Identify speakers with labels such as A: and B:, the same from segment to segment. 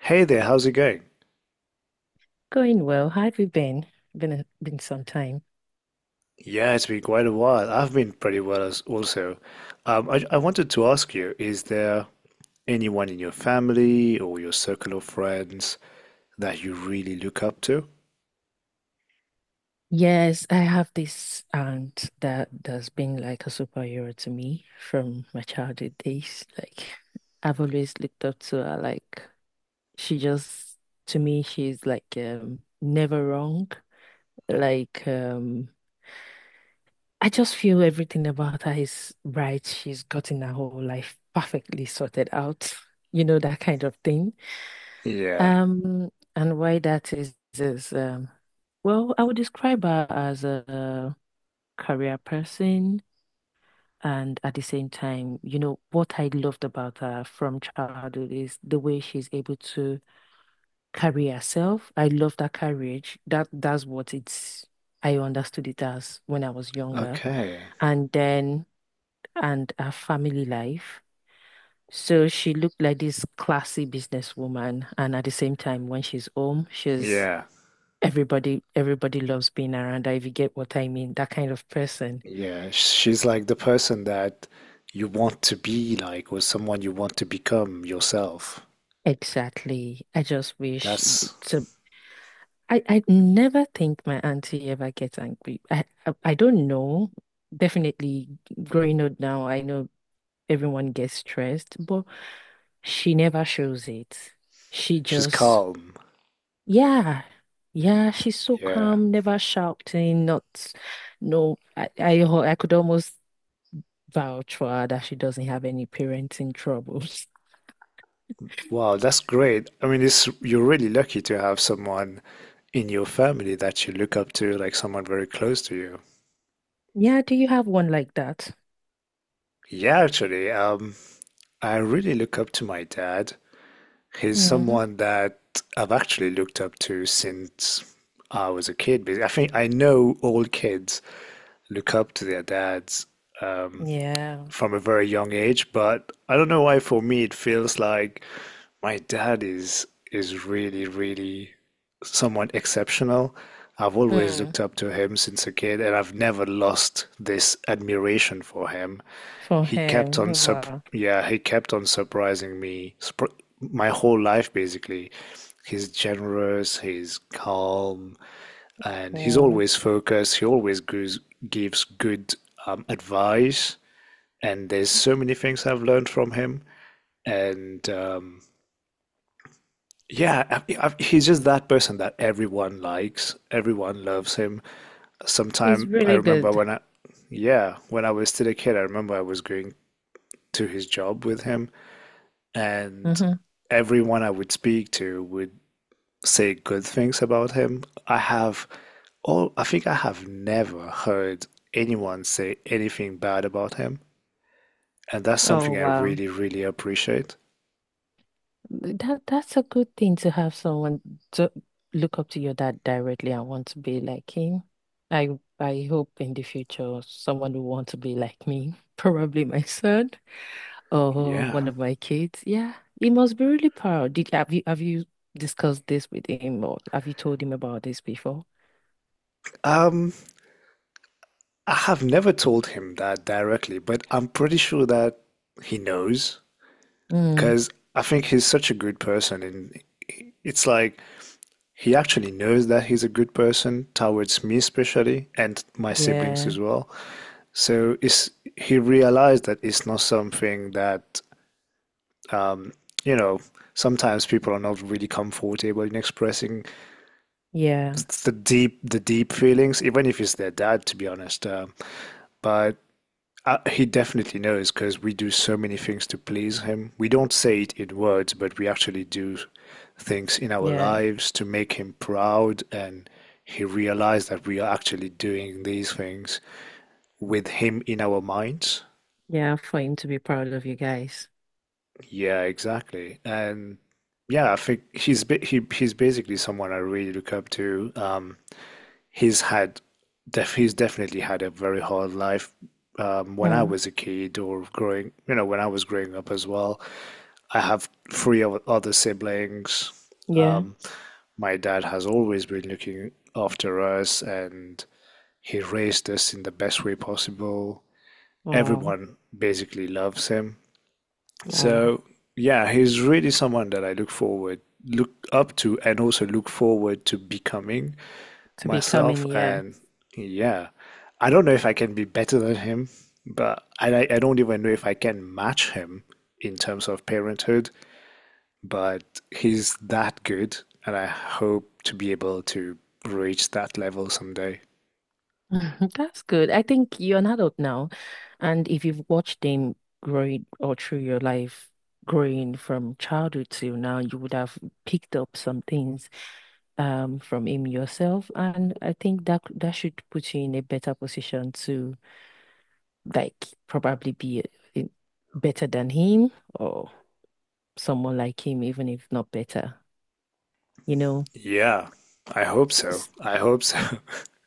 A: Hey there, how's it going?
B: Going well. How have you been? Been some time.
A: Yeah, it's been quite a while. I've been pretty well as also. I wanted to ask you, is there anyone in your family or your circle of friends that you really look up to?
B: Yes, I have this aunt that has been like a superhero to me from my childhood days. Like I've always looked up to her. Like she just to me, she's like never wrong. Like I just feel everything about her is right. She's gotten her whole life perfectly sorted out. You know, that kind of thing.
A: Yeah.
B: Um, and why that is, well, I would describe her as a career person, and at the same time, you know, what I loved about her from childhood is the way she's able to carry herself. I love that courage. That's what it's. I understood it as when I was younger,
A: Okay.
B: and then and her family life. So she looked like this classy businesswoman, and at the same time, when she's home, she's
A: Yeah.
B: everybody loves being around her, if you get what I mean, that kind of person.
A: Yeah. She's like the person that you want to be like, or someone you want to become yourself.
B: Exactly. I just wish
A: That's,
B: so I never think my auntie ever gets angry. I don't know. Definitely growing up now, I know everyone gets stressed, but she never shows it. She
A: she's
B: just
A: calm.
B: yeah. Yeah, she's so
A: Yeah.
B: calm, never shouting, not no I could almost vouch for her that she doesn't have any parenting troubles.
A: Wow, that's great. I mean, you're really lucky to have someone in your family that you look up to, like someone very close to you?
B: Yeah, do you have one like that?
A: Yeah, actually, I really look up to my dad. He's
B: Hmm.
A: someone that I've actually looked up to since I was a kid. Because I think I know all kids look up to their dads. Um,
B: Yeah.
A: from a very young age, but I don't know why for me it feels like my dad is really, really somewhat exceptional. I've always
B: Mm.
A: looked up to him since a kid, and I've never lost this admiration for him.
B: For
A: He kept
B: him.
A: on
B: Oh,
A: sup
B: wow.
A: Yeah, he kept on surprising me sp my whole life basically. He's generous, he's calm, and he's
B: Mm.
A: always focused. He always gives good advice, and there's so many things I've learned from him. And yeah, he's just that person that everyone likes, everyone loves him.
B: It's
A: Sometime I
B: really
A: remember
B: good.
A: when I, Yeah, when I was still a kid, I remember I was going to his job with him, and
B: Hmm.
A: everyone I would speak to would say good things about him. I think I have never heard anyone say anything bad about him, and that's
B: Oh,
A: something I
B: wow.
A: really, really appreciate.
B: That's a good thing to have someone to look up to your dad directly and want to be like him. I hope in the future someone will want to be like me, probably my son or
A: Yeah.
B: one of my kids. Yeah, he must be really proud. Did have you discussed this with him or have you told him about this before?
A: Um, I have never told him that directly, but I'm pretty sure that he knows
B: Mm,
A: because I think he's such a good person, and it's like he actually knows that he's a good person towards me especially and my siblings
B: yeah,
A: as well. So it's, he realized that it's not something that um, you know sometimes people are not really comfortable in expressing
B: yeah,
A: the deep feelings, even if it's their dad, to be honest. But he definitely knows because we do so many things to please him. We don't say it in words, but we actually do things in our
B: yeah,
A: lives to make him proud. And he realized that we are actually doing these things with him in our minds.
B: yeah. For him to be proud of you guys.
A: Yeah, exactly. And yeah, I think he's basically someone I really look up to. He's had he's definitely had a very hard life when I
B: Mm,
A: was a kid or growing, you know, when I was growing up as well. I have three other siblings.
B: yeah.
A: Um, my dad has always been looking after us and he raised us in the best way possible.
B: Oh,
A: Everyone basically loves him.
B: oh,
A: So yeah, he's really someone that look up to, and also look forward to becoming
B: to becoming
A: myself.
B: yeah.
A: And yeah, I don't know if I can be better than him, but I don't even know if I can match him in terms of parenthood. But he's that good, and I hope to be able to reach that level someday.
B: That's good. I think you're an adult now. And if you've watched them growing all through your life, growing from childhood till now, you would have picked up some things from him yourself. And I think that that should put you in a better position to like probably be in- better than him or someone like him, even if not better, you know.
A: Yeah, I hope so. I hope so.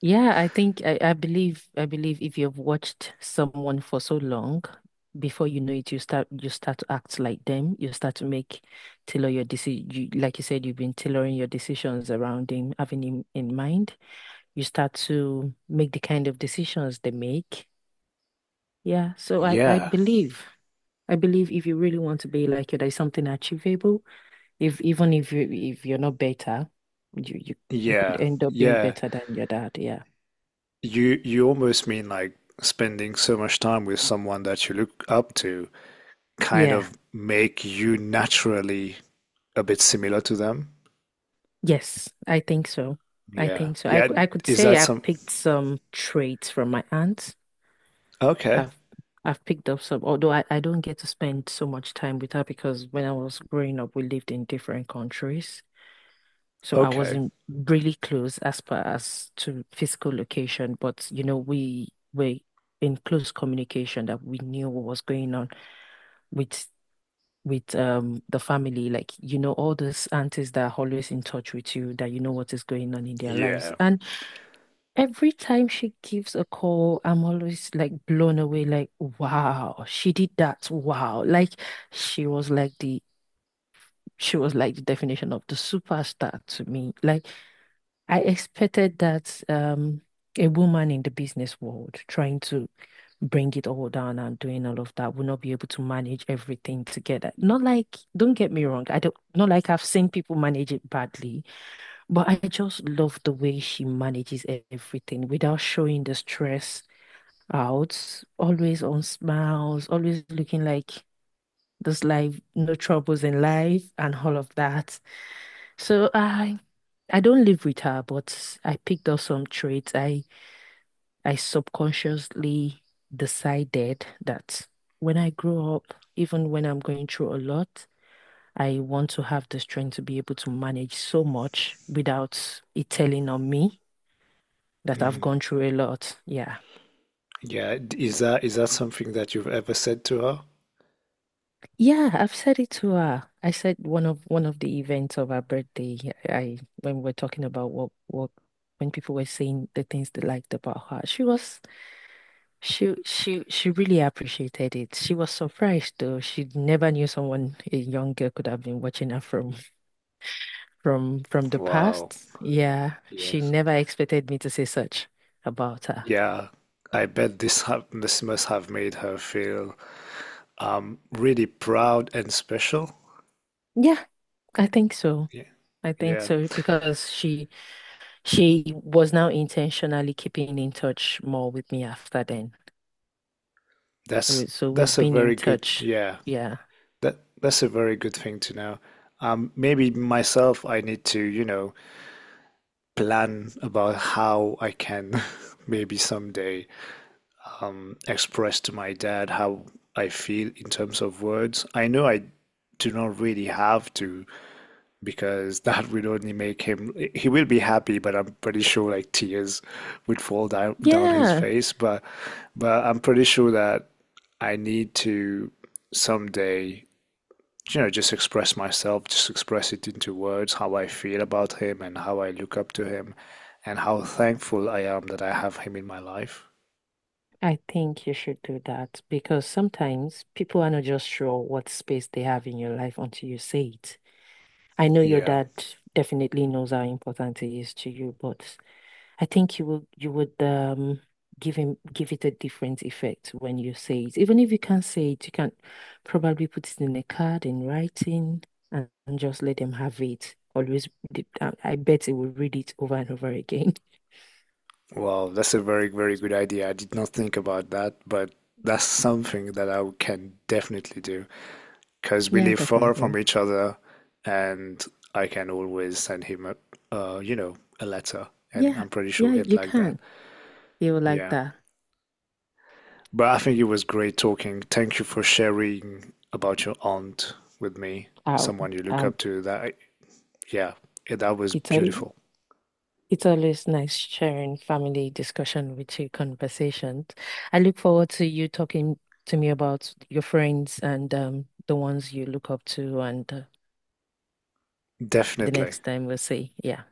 B: Yeah, I think I believe if you've watched someone for so long, before you know it, you start to act like them. You start to make tailor your decision. You, like you said, you've been tailoring your decisions around him, having him in mind. You start to make the kind of decisions they make. Yeah, so I I
A: Yeah,
B: believe I believe if you really want to be like you, there's something achievable. If even if you're not better, you you you could
A: yeah,
B: end up being
A: yeah.
B: better than your dad. Yeah,
A: You you almost mean like spending so much time with someone that you look up to kind
B: yeah.
A: of make you naturally a bit similar to them.
B: Yes, I think so. I
A: Yeah.
B: think so. I,
A: Yeah.
B: c- I could
A: Is that
B: say I
A: some?
B: picked some traits from my aunt.
A: Okay.
B: I've I've picked up some, although I don't get to spend so much time with her because when I was growing up, we lived in different countries. So I
A: Okay.
B: wasn't really close as far as to physical location, but you know, we were in close communication that we knew what was going on with with the family, like you know all those aunties that are always in touch with you that you know what is going on in their lives
A: Yeah.
B: and every time she gives a call, I'm always like blown away, like, wow, she did that. Wow. Like she was like the she was like the definition of the superstar to me. Like I expected that a woman in the business world trying to bring it all down and doing all of that would not be able to manage everything together. Not like, don't get me wrong, I don't not like I've seen people manage it badly. But I just love the way she manages e- everything without showing the stress out, always on smiles, always looking like this life, no troubles in life and all of that. So I don't live with her, but I picked up some traits. I subconsciously decided that when I grow up, even when I'm going through a lot, I want to have the strength to be able to manage so much without it telling on me. That I've
A: Mm.
B: gone through a lot. Yeah.
A: Yeah. Is that something that you've ever said to her?
B: Yeah, I've said it to her. I said one of the events of her birthday, I when we're talking about what when people were saying the things they liked about her, she really appreciated it. She was surprised though. She never knew someone a young girl could have been watching her from from the
A: Wow.
B: past. Yeah, she
A: Yes.
B: never expected me to say such about her.
A: Yeah. I bet this must have made her feel really proud and special.
B: Yeah, I think so.
A: Yeah.
B: I think
A: Yeah.
B: so because she was now intentionally keeping in touch more with me after then.
A: That's
B: We- So we've
A: that's a
B: been in
A: very good.
B: touch.
A: Yeah.
B: Yeah.
A: That's a very good thing to know. Maybe myself, I need to, you know, plan about how I can maybe someday express to my dad how I feel in terms of words. I know I do not really have to because that will only make him, he will be happy, but I'm pretty sure like tears would fall down his
B: Yeah.
A: face. But I'm pretty sure that I need to someday you know, just express myself, just express it into words, how I feel about him and how I look up to him and how thankful I am that I have him in my life.
B: I think you should do that because sometimes people are not just sure what space they have in your life until you say it. I know your
A: Yeah.
B: dad definitely knows how important it is to you, but I think you will you would give him give it a different effect when you say it. Even if you can't say it, you can probably put it in a card in writing and just let them have it. Always, read it. I bet they will read it over and over again.
A: Well, that's a very, very good idea. I did not think about that, but that's something that I can definitely do because we
B: Yeah,
A: live far from
B: definitely.
A: each other and I can always send him a, you know, a letter and
B: Yeah,
A: I'm pretty sure
B: yeah,
A: he'd
B: you
A: like that.
B: can. They will like
A: Yeah.
B: that.
A: But I think it was great talking. Thank you for sharing about your aunt with me,
B: Oh,
A: someone you look
B: Um,
A: up to. Yeah, that was
B: it's all.
A: beautiful.
B: It's always nice sharing family discussion with you, conversations. I look forward to you talking to me about your friends and the ones you look up to, and the
A: Definitely.
B: next time we'll see. Yeah.